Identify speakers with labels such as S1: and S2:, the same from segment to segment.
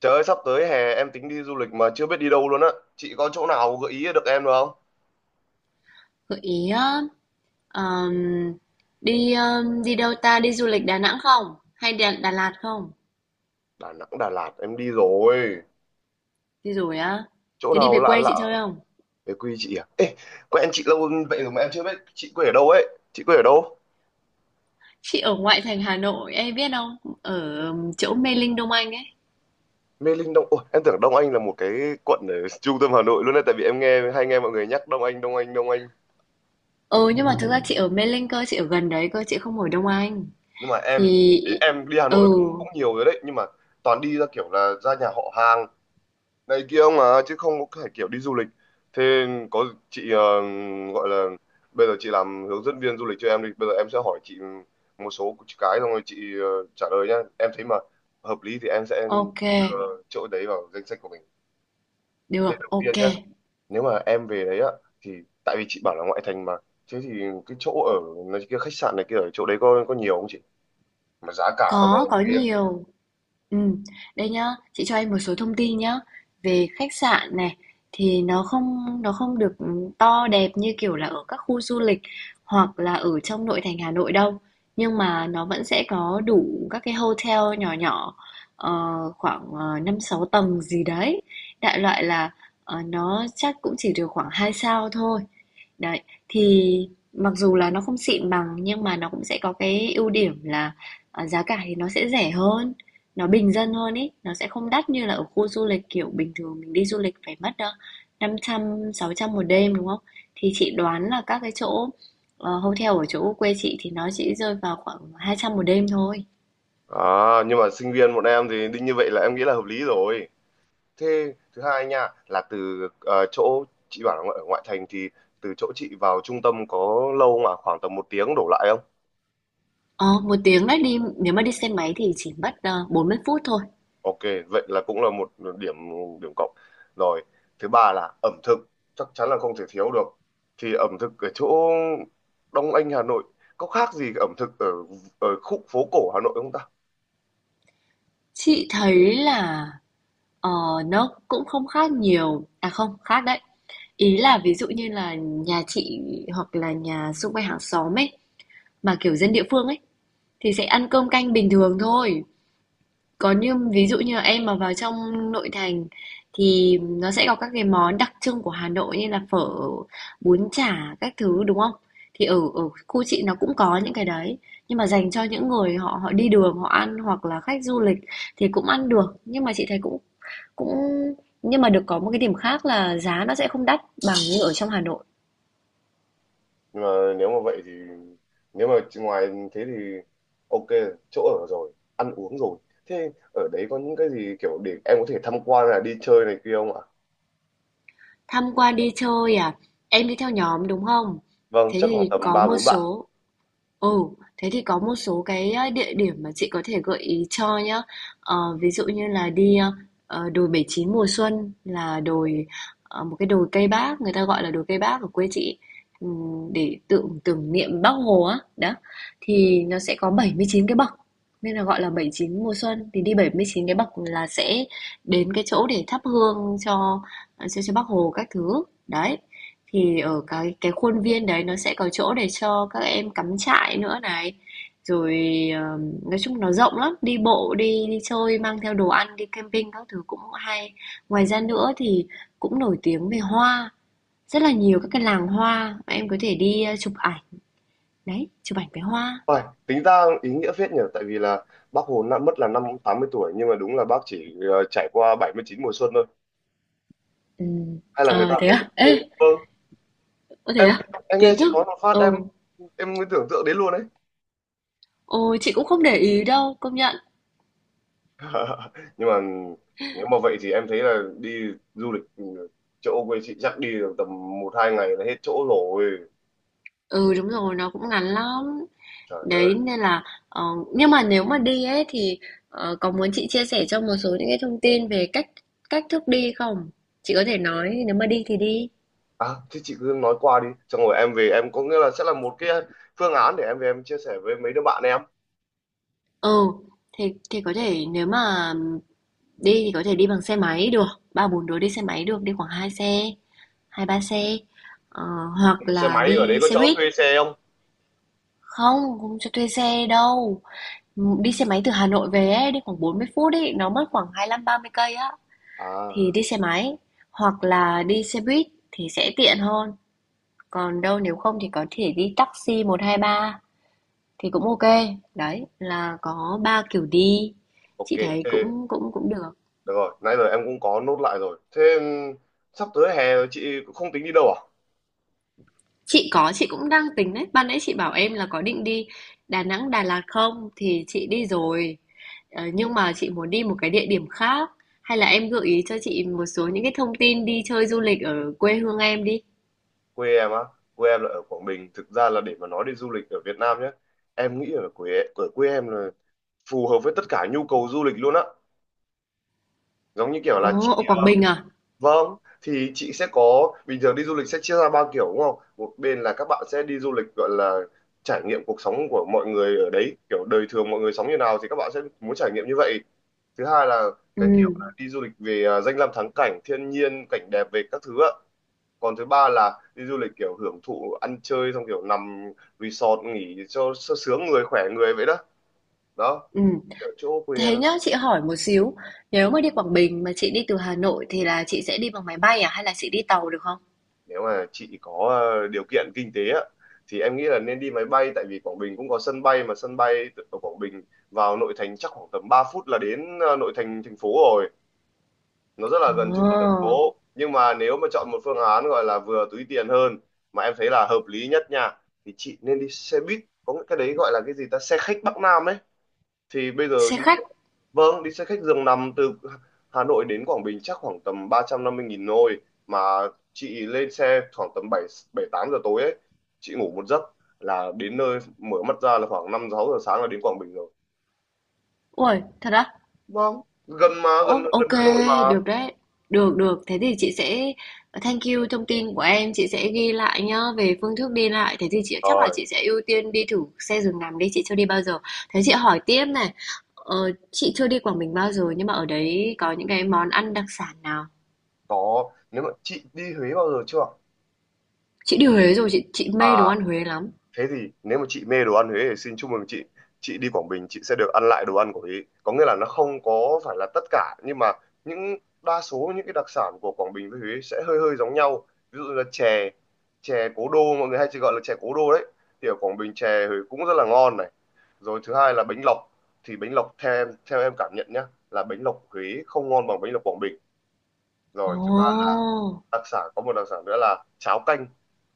S1: Trời ơi, sắp tới hè em tính đi du lịch mà chưa biết đi đâu luôn á. Chị có chỗ nào gợi ý được em được không?
S2: Gợi ý á, ờm, đi đâu ta? Đi du lịch Đà Nẵng không? Hay Đà Lạt không?
S1: Đà Nẵng, Đà Lạt em đi rồi.
S2: Đi rồi á.
S1: Chỗ
S2: Thế đi
S1: nào
S2: về
S1: lạ
S2: quê
S1: lạ.
S2: chị chơi không?
S1: Về quê chị à? Ê, quen chị lâu vậy rồi mà em chưa biết chị quê ở đâu ấy. Chị quê ở đâu?
S2: Chị ở ngoại thành Hà Nội, em biết không? Ở chỗ Mê Linh Đông Anh ấy.
S1: Mê Linh Đông. Ôi, em tưởng Đông Anh là một cái quận ở trung tâm Hà Nội luôn đấy, tại vì em nghe mọi người nhắc Đông Anh, Đông Anh, Đông Anh.
S2: Ừ nhưng mà thực ra chị ở Mê Linh cơ, chị ở gần đấy cơ, chị không ở Đông Anh.
S1: Nhưng mà em
S2: Thì
S1: em đi Hà
S2: ừ,
S1: Nội cũng cũng nhiều rồi đấy, nhưng mà toàn đi ra kiểu là ra nhà họ hàng này kia ông à, chứ không có phải kiểu đi du lịch. Thế có chị gọi là bây giờ chị làm hướng dẫn viên du lịch cho em đi, bây giờ em sẽ hỏi chị một số cái, xong rồi chị trả lời nhá, em thấy mà hợp lý thì em sẽ
S2: ok,
S1: đưa chỗ đấy vào danh sách của mình. Thế
S2: được,
S1: đầu tiên
S2: ok.
S1: nhá, nếu mà em về đấy á thì, tại vì chị bảo là ngoại thành mà, thế thì cái chỗ ở này kia, khách sạn này kia ở chỗ đấy có nhiều không chị, mà giá cả nó có
S2: Có
S1: ok không?
S2: nhiều. Ừm, đây nhá, chị cho em một số thông tin nhá. Về khách sạn này thì nó không được to đẹp như kiểu là ở các khu du lịch hoặc là ở trong nội thành Hà Nội đâu. Nhưng mà nó vẫn sẽ có đủ các cái hotel nhỏ nhỏ, ờ, khoảng 5 6 tầng gì đấy. Đại loại là nó chắc cũng chỉ được khoảng 2 sao thôi. Đấy, thì mặc dù là nó không xịn bằng nhưng mà nó cũng sẽ có cái ưu điểm là, giá cả thì nó sẽ rẻ hơn, nó bình dân hơn ấy, nó sẽ không đắt như là ở khu du lịch. Kiểu bình thường mình đi du lịch phải mất đâu 500 600 một đêm đúng không? Thì chị đoán là các cái chỗ hotel ở chỗ quê chị thì nó chỉ rơi vào khoảng 200 một đêm thôi.
S1: À, nhưng mà sinh viên bọn em thì đương như vậy là em nghĩ là hợp lý rồi. Thế thứ hai nha, là từ, chỗ chị bảo là ở ngoại thành thì, từ chỗ chị vào trung tâm có lâu không? Khoảng tầm 1 tiếng đổ lại không?
S2: Ờ, một tiếng đấy, đi nếu mà đi xe máy thì chỉ mất 40 phút thôi.
S1: Ok, vậy là cũng là một điểm điểm cộng. Rồi, thứ ba là ẩm thực, chắc chắn là không thể thiếu được. Thì ẩm thực ở chỗ Đông Anh Hà Nội có khác gì ẩm thực ở ở khu phố cổ Hà Nội không ta?
S2: Chị thấy là ờ, nó cũng không khác nhiều. À không, khác đấy. Ý là ví dụ như là nhà chị hoặc là nhà xung quanh hàng xóm ấy, mà kiểu dân địa phương ấy, thì sẽ ăn cơm canh bình thường thôi. Còn như ví dụ như là em mà vào trong nội thành thì nó sẽ có các cái món đặc trưng của Hà Nội như là phở, bún chả các thứ đúng không? Thì ở ở khu chị nó cũng có những cái đấy, nhưng mà dành cho những người họ họ đi đường họ ăn hoặc là khách du lịch thì cũng ăn được, nhưng mà chị thấy cũng cũng nhưng mà được có một cái điểm khác là giá nó sẽ không đắt bằng như ở trong Hà Nội.
S1: Nhưng mà nếu mà vậy thì, nếu mà chỉ ngoài thế thì ok, chỗ ở rồi, ăn uống rồi, thế ở đấy có những cái gì kiểu để em có thể tham quan là đi chơi này kia không ạ?
S2: Tham quan đi chơi à? Em đi theo nhóm đúng không?
S1: Vâng,
S2: Thế
S1: chắc khoảng
S2: thì
S1: tầm
S2: có
S1: ba
S2: một
S1: bốn bạn.
S2: số Ừ, thế thì có một số cái địa điểm mà chị có thể gợi ý cho nhá. Ờ, ví dụ như là đi đồi 79 mùa xuân, là đồi một cái đồi cây Bác, người ta gọi là đồi cây Bác ở quê chị. Để tưởng tưởng niệm Bác Hồ á. Đó. Thì nó sẽ có 79 cái bậc, nên là gọi là 79 mùa xuân, thì đi 79 cái bậc là sẽ đến cái chỗ để thắp hương cho Bác Hồ các thứ. Đấy. Thì ở cái khuôn viên đấy nó sẽ có chỗ để cho các em cắm trại nữa này. Rồi ờ, nói chung nó rộng lắm, đi bộ, đi đi chơi, mang theo đồ ăn, đi camping các thứ cũng hay. Ngoài ra nữa thì cũng nổi tiếng về hoa, rất là nhiều các cái làng hoa mà em có thể đi chụp ảnh. Đấy, chụp ảnh với hoa.
S1: Uầy, tính ra ý nghĩa phết nhỉ, tại vì là bác Hồ đã mất là năm 80 tuổi nhưng mà đúng là bác chỉ trải qua 79 mùa xuân thôi.
S2: Ừ.
S1: Hay là người ta
S2: Ờ thế
S1: cố
S2: à?
S1: tình
S2: Ê,
S1: chơi? Vâng,
S2: có thế
S1: em
S2: à?
S1: em nghe
S2: Kiến
S1: chị
S2: thức.
S1: nói một phát
S2: Ừ.
S1: em mới tưởng tượng đến luôn đấy.
S2: Ồ, chị cũng không để ý đâu, công nhận.
S1: Nhưng mà nếu mà vậy thì em thấy là đi du lịch chỗ quê chị chắc đi được tầm 1 2 ngày là hết chỗ rồi.
S2: Ừ đúng rồi, nó cũng ngắn lắm.
S1: Trời ơi.
S2: Đấy nên là, ờ, nhưng mà nếu mà đi ấy thì có muốn chị chia sẻ cho một số những cái thông tin về cách cách thức đi không? Chị có thể nói nếu mà đi thì đi.
S1: À thế chị cứ nói qua đi, xong rồi em về em có nghĩa là sẽ là một cái phương án để em về em chia sẻ với mấy đứa bạn em.
S2: Ừ, thì thì có thể, nếu mà đi thì có thể đi bằng xe máy được, ba bốn đứa đi xe máy được, đi khoảng hai xe, hai ba xe. Ờ, hoặc
S1: Xe
S2: là
S1: máy ở đấy
S2: đi
S1: có
S2: xe
S1: chỗ
S2: buýt.
S1: thuê xe không?
S2: Không, không cho thuê xe đâu. Đi xe máy từ Hà Nội về ấy, đi khoảng 40 phút ấy, nó mất khoảng 25 30 cây á. Thì
S1: À,
S2: đi xe máy, hoặc là đi xe buýt thì sẽ tiện hơn. Còn đâu nếu không thì có thể đi taxi, 123 thì cũng ok. Đấy, là có ba kiểu đi.
S1: ok.
S2: Chị thấy
S1: Thế
S2: cũng cũng cũng được.
S1: được rồi, nãy giờ em cũng có nốt lại rồi. Thế sắp tới hè rồi chị cũng không tính đi đâu à?
S2: Chị có, chị cũng đang tính đấy. Ban nãy chị bảo em là có định đi Đà Nẵng, Đà Lạt không thì chị đi rồi. Ờ, nhưng mà chị muốn đi một cái địa điểm khác, hay là em gợi ý cho chị một số những cái thông tin đi chơi du lịch ở quê hương em đi.
S1: Quê em á, quê em là ở Quảng Bình. Thực ra là để mà nói đi du lịch ở Việt Nam nhé, em nghĩ ở quê em là phù hợp với tất cả nhu cầu du lịch luôn á. Giống như kiểu là
S2: Ồ,
S1: chị,
S2: ở Quảng Bình à?
S1: vâng, thì chị sẽ có bình thường đi du lịch sẽ chia ra ba kiểu đúng không, một bên là các bạn sẽ đi du lịch gọi là trải nghiệm cuộc sống của mọi người ở đấy, kiểu đời thường mọi người sống như nào thì các bạn sẽ muốn trải nghiệm như vậy. Thứ hai là
S2: Ừ,
S1: cái kiểu là đi du lịch về à, danh lam thắng cảnh thiên nhiên cảnh đẹp về các thứ ạ. Còn thứ ba là đi du lịch kiểu hưởng thụ ăn chơi, xong kiểu nằm resort nghỉ cho sướng người khỏe người, vậy đó. đó
S2: ừ.
S1: Kiểu chỗ quê em.
S2: Thế nhá, chị hỏi một xíu, nếu mà đi Quảng Bình mà chị đi từ Hà Nội thì là chị sẽ đi bằng máy bay à hay là chị đi tàu được không?
S1: Nếu mà chị có điều kiện kinh tế á thì em nghĩ là nên đi máy bay, tại vì Quảng Bình cũng có sân bay, mà sân bay ở Quảng Bình vào nội thành chắc khoảng tầm 3 phút là đến nội thành thành phố rồi. Nó rất là gần trung tâm thành
S2: Ồ,
S1: phố, nhưng mà nếu mà chọn một phương án gọi là vừa túi tiền hơn mà em thấy là hợp lý nhất nha, thì chị nên đi xe buýt, có cái đấy gọi là cái gì ta, xe khách Bắc Nam ấy. Thì bây giờ
S2: xe
S1: đi,
S2: khách.
S1: vâng, đi xe khách giường nằm từ Hà Nội đến Quảng Bình chắc khoảng tầm 350.000 thôi. Mà chị lên xe khoảng tầm 7 7 8 giờ tối ấy, chị ngủ một giấc là đến nơi, mở mắt ra là khoảng 5 6 giờ sáng là đến Quảng Bình rồi.
S2: Ui, thật á?
S1: Vâng, gần mà, gần
S2: Ô,
S1: gần
S2: ok,
S1: Hà Nội mà.
S2: được đấy. Được, được. Thế thì chị sẽ thank you thông tin của em, chị sẽ ghi lại nhá về phương thức đi lại. Thế thì chị chắc là
S1: Rồi,
S2: chị sẽ ưu tiên đi thử xe giường nằm đi, chị chưa đi bao giờ. Thế chị hỏi tiếp này, ờ, chị chưa đi Quảng Bình bao giờ nhưng mà ở đấy có những cái món ăn đặc sản nào?
S1: có, nếu mà chị đi Huế bao giờ chưa ạ?
S2: Chị đi Huế rồi, chị mê đồ ăn
S1: À,
S2: Huế lắm.
S1: thế thì nếu mà chị mê đồ ăn Huế thì xin chúc mừng chị đi Quảng Bình chị sẽ được ăn lại đồ ăn của Huế. Có nghĩa là nó không có phải là tất cả, nhưng mà những đa số những cái đặc sản của Quảng Bình với Huế sẽ hơi hơi giống nhau, ví dụ là chè, chè cố đô mọi người hay chỉ gọi là chè cố đô đấy, thì ở Quảng Bình chè Huế cũng rất là ngon này. Rồi thứ hai là bánh lọc, thì bánh lọc theo em cảm nhận nhá là bánh lọc Huế không ngon bằng bánh lọc Quảng Bình. Rồi
S2: Ồ,
S1: đặc sản, có một đặc sản nữa là cháo canh.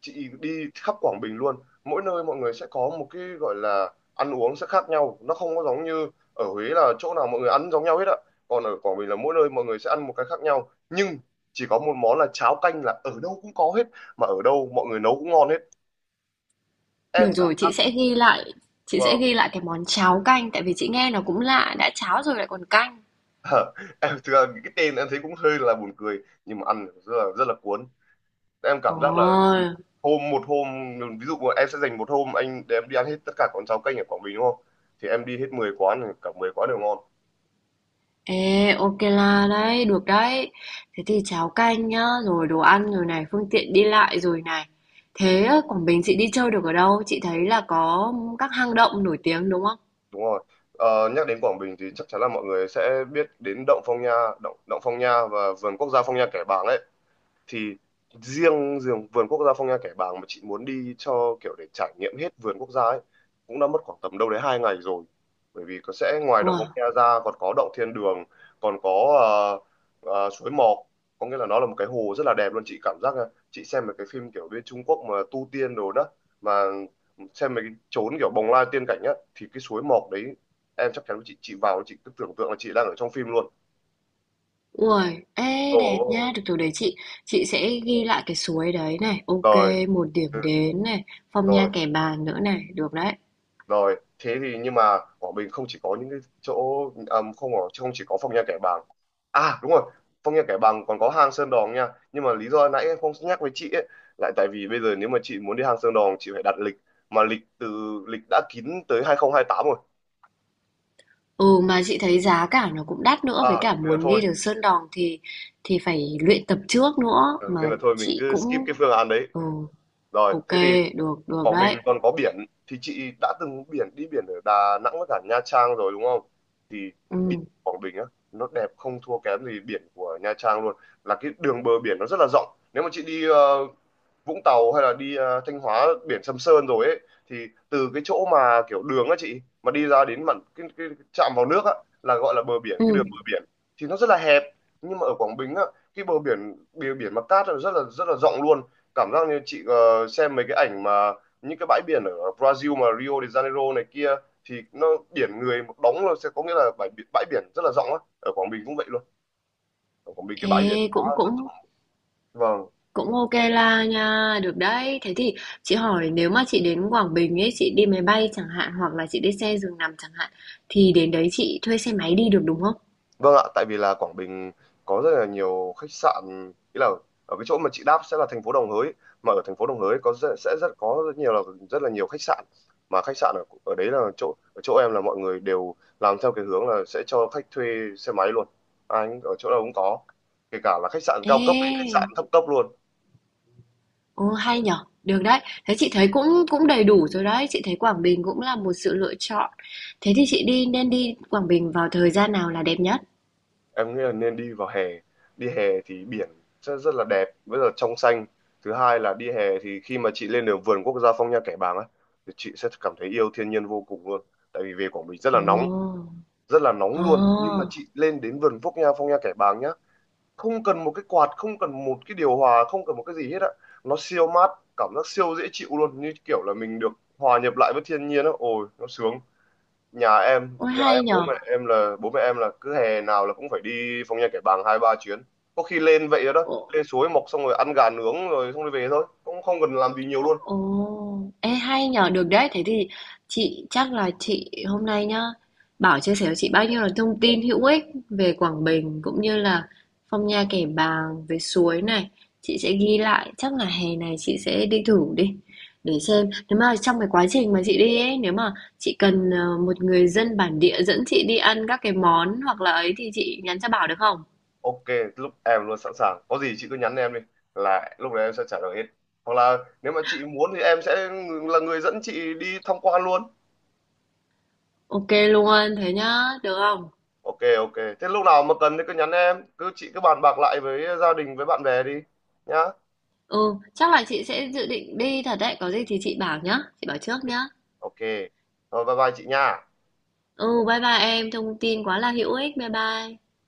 S1: Chị đi khắp Quảng Bình luôn, mỗi nơi mọi người sẽ có một cái gọi là ăn uống sẽ khác nhau, nó không có giống như ở Huế là chỗ nào mọi người ăn giống nhau hết ạ. Còn ở Quảng Bình là mỗi nơi mọi người sẽ ăn một cái khác nhau, nhưng chỉ có một món là cháo canh là ở đâu cũng có hết mà ở đâu mọi người nấu cũng ngon hết.
S2: được
S1: Em
S2: rồi,
S1: cảm
S2: chị sẽ ghi lại, chị sẽ
S1: Vâng.
S2: ghi lại cái món cháo canh tại vì chị nghe nó cũng lạ, đã cháo rồi lại còn canh.
S1: Em thực ra cái tên em thấy cũng hơi là buồn cười nhưng mà ăn rất là cuốn. Em cảm giác là
S2: Ồ,
S1: một hôm, ví dụ em sẽ dành một hôm anh để em đi ăn hết tất cả quán cháo canh ở Quảng Bình đúng không, thì em đi hết 10 quán thì cả 10 quán đều ngon.
S2: ê, ok là đấy, được đấy. Thế thì cháo canh nhá, rồi đồ ăn rồi này, phương tiện đi lại rồi này. Thế ở Quảng Bình chị đi chơi được ở đâu? Chị thấy là có các hang động nổi tiếng đúng không?
S1: Đúng rồi. Nhắc đến Quảng Bình thì chắc chắn là mọi người sẽ biết đến động Phong Nha, động động Phong Nha và vườn quốc gia Phong Nha Kẻ Bàng ấy. Thì riêng riêng vườn quốc gia Phong Nha Kẻ Bàng mà chị muốn đi cho kiểu để trải nghiệm hết vườn quốc gia ấy cũng đã mất khoảng tầm đâu đấy 2 ngày rồi. Bởi vì có sẽ ngoài động Phong
S2: Wow.
S1: Nha ra còn có động Thiên Đường, còn có ờ, suối Mọc. Có nghĩa là nó là một cái hồ rất là đẹp luôn, chị cảm giác nha. Chị xem một cái phim kiểu bên Trung Quốc mà tu tiên đồ đó, mà xem mấy cái chốn kiểu bồng lai tiên cảnh á, thì cái suối Mọc đấy em chắc chắn chị vào chị cứ tưởng tượng là chị đang ở trong phim luôn.
S2: Ui, ê
S1: Ồ.
S2: đẹp nha, được rồi đấy chị. Chị sẽ ghi lại cái suối đấy này. Ok,
S1: Rồi.
S2: một điểm
S1: Ừ.
S2: đến này, Phong Nha
S1: Rồi.
S2: Kẻ Bàng nữa này, được đấy.
S1: Rồi, thế thì, nhưng mà Quảng Bình không chỉ có những cái chỗ, à, không chỉ có Phong Nha Kẻ Bàng. À đúng rồi, Phong Nha Kẻ Bàng còn có hang Sơn Đòn nha. Nhưng mà lý do nãy em không nhắc với chị ấy lại, tại vì bây giờ nếu mà chị muốn đi hang Sơn Đòn chị phải đặt lịch mà lịch đã kín tới 2028 rồi.
S2: Ừ, mà chị thấy giá cả nó cũng đắt nữa, với
S1: À,
S2: cả
S1: nên là
S2: muốn
S1: thôi.
S2: đi được Sơn Đòn thì phải luyện tập trước nữa,
S1: Ừ, nên
S2: mà
S1: là thôi mình
S2: chị
S1: cứ skip
S2: cũng
S1: cái phương án đấy.
S2: ừ,
S1: Rồi,
S2: ok,
S1: thế thì
S2: được được
S1: Quảng
S2: đấy.
S1: Bình còn có biển. Thì chị đã từng biển đi biển ở Đà Nẵng với cả Nha Trang rồi đúng không? Thì biển
S2: Ừ.
S1: Quảng Bình á nó đẹp không thua kém gì biển của Nha Trang luôn. Là cái đường bờ biển nó rất là rộng. Nếu mà chị đi Vũng Tàu hay là đi Thanh Hóa biển Sầm Sơn rồi ấy, thì từ cái chỗ mà kiểu đường á chị mà đi ra đến mặn cái, chạm vào nước á là gọi là bờ biển, cái
S2: Ừ.
S1: đường bờ biển thì nó rất là hẹp. Nhưng mà ở Quảng Bình á cái bờ biển mà cát là rất là rất là rộng luôn. Cảm giác như chị xem mấy cái ảnh mà những cái bãi biển ở Brazil mà Rio de Janeiro này kia, thì nó biển người một đống luôn, sẽ có nghĩa là bãi biển rất là rộng á, ở Quảng Bình cũng vậy luôn, ở Quảng Bình cái bãi biển
S2: Ê,
S1: quá
S2: cũng
S1: rất
S2: cũng
S1: rộng. Vâng.
S2: cũng ok la nha, được đấy. Thế thì chị hỏi, nếu mà chị đến Quảng Bình ấy, chị đi máy bay chẳng hạn hoặc là chị đi xe giường nằm chẳng hạn, thì đến đấy chị thuê xe máy đi được đúng không?
S1: Vâng ạ, tại vì là Quảng Bình có rất là nhiều khách sạn, ý là ở cái chỗ mà chị đáp sẽ là thành phố Đồng Hới, mà ở thành phố Đồng Hới có rất nhiều là rất là nhiều khách sạn, mà khách sạn ở ở đấy là chỗ ở chỗ em là mọi người đều làm theo cái hướng là sẽ cho khách thuê xe máy luôn, ở chỗ nào cũng có, kể cả là khách sạn cao cấp đến khách
S2: Ê.
S1: sạn thấp cấp luôn.
S2: Ồ, hay nhở, được đấy. Thế chị thấy cũng cũng đầy đủ rồi đấy, chị thấy Quảng Bình cũng là một sự lựa chọn. Thế thì chị đi, nên đi Quảng Bình vào thời gian nào là đẹp nhất?
S1: Em nghĩ là nên đi vào hè. Đi hè thì biển rất, rất là đẹp rất là trong xanh. Thứ hai là đi hè thì khi mà chị lên được vườn quốc gia Phong Nha Kẻ Bàng á thì chị sẽ cảm thấy yêu thiên nhiên vô cùng luôn, tại vì về Quảng Bình rất là nóng,
S2: Ồ,
S1: rất là nóng
S2: ồ,
S1: luôn, nhưng mà chị lên đến vườn quốc gia Phong Nha Kẻ Bàng nhá, không cần một cái quạt, không cần một cái điều hòa, không cần một cái gì hết á, nó siêu mát, cảm giác siêu dễ chịu luôn như kiểu là mình được hòa nhập lại với thiên nhiên á, ôi nó sướng.
S2: ôi
S1: Nhà em
S2: hay
S1: bố
S2: nhở.
S1: mẹ em là bố mẹ em là cứ hè nào là cũng phải đi Phong Nha Kẻ Bàng hai ba chuyến. Có khi lên vậy đó, lên suối mọc xong rồi ăn gà nướng rồi xong rồi về thôi cũng không cần làm gì nhiều luôn.
S2: Ồ, ê hay nhờ, được đấy. Thế thì chị chắc là chị hôm nay nhá, Bảo chia sẻ cho chị bao nhiêu là thông tin hữu ích về Quảng Bình cũng như là Phong Nha Kẻ Bàng, về suối này. Chị sẽ ghi lại, chắc là hè này chị sẽ đi thử đi để xem. Nếu mà trong cái quá trình mà chị đi ấy, nếu mà chị cần một người dân bản địa dẫn chị đi ăn các cái món hoặc là ấy thì chị nhắn cho Bảo được không?
S1: Ok, lúc em luôn sẵn sàng, có gì chị cứ nhắn em đi là lúc đấy em sẽ trả lời hết, hoặc là nếu mà chị muốn thì em sẽ là người dẫn chị đi tham quan luôn.
S2: Ok luôn, thế nhá, được không?
S1: Ok, ok. Thế lúc nào mà cần thì cứ nhắn em, cứ chị cứ bàn bạc lại với gia đình với bạn bè đi nhá.
S2: Ừ, chắc là chị sẽ dự định đi thật đấy, có gì thì chị bảo nhá, chị bảo trước
S1: Ok,
S2: nhá.
S1: ok. Rồi bye bye chị nha.
S2: Ừ, bye bye em, thông tin quá là hữu ích, bye bye.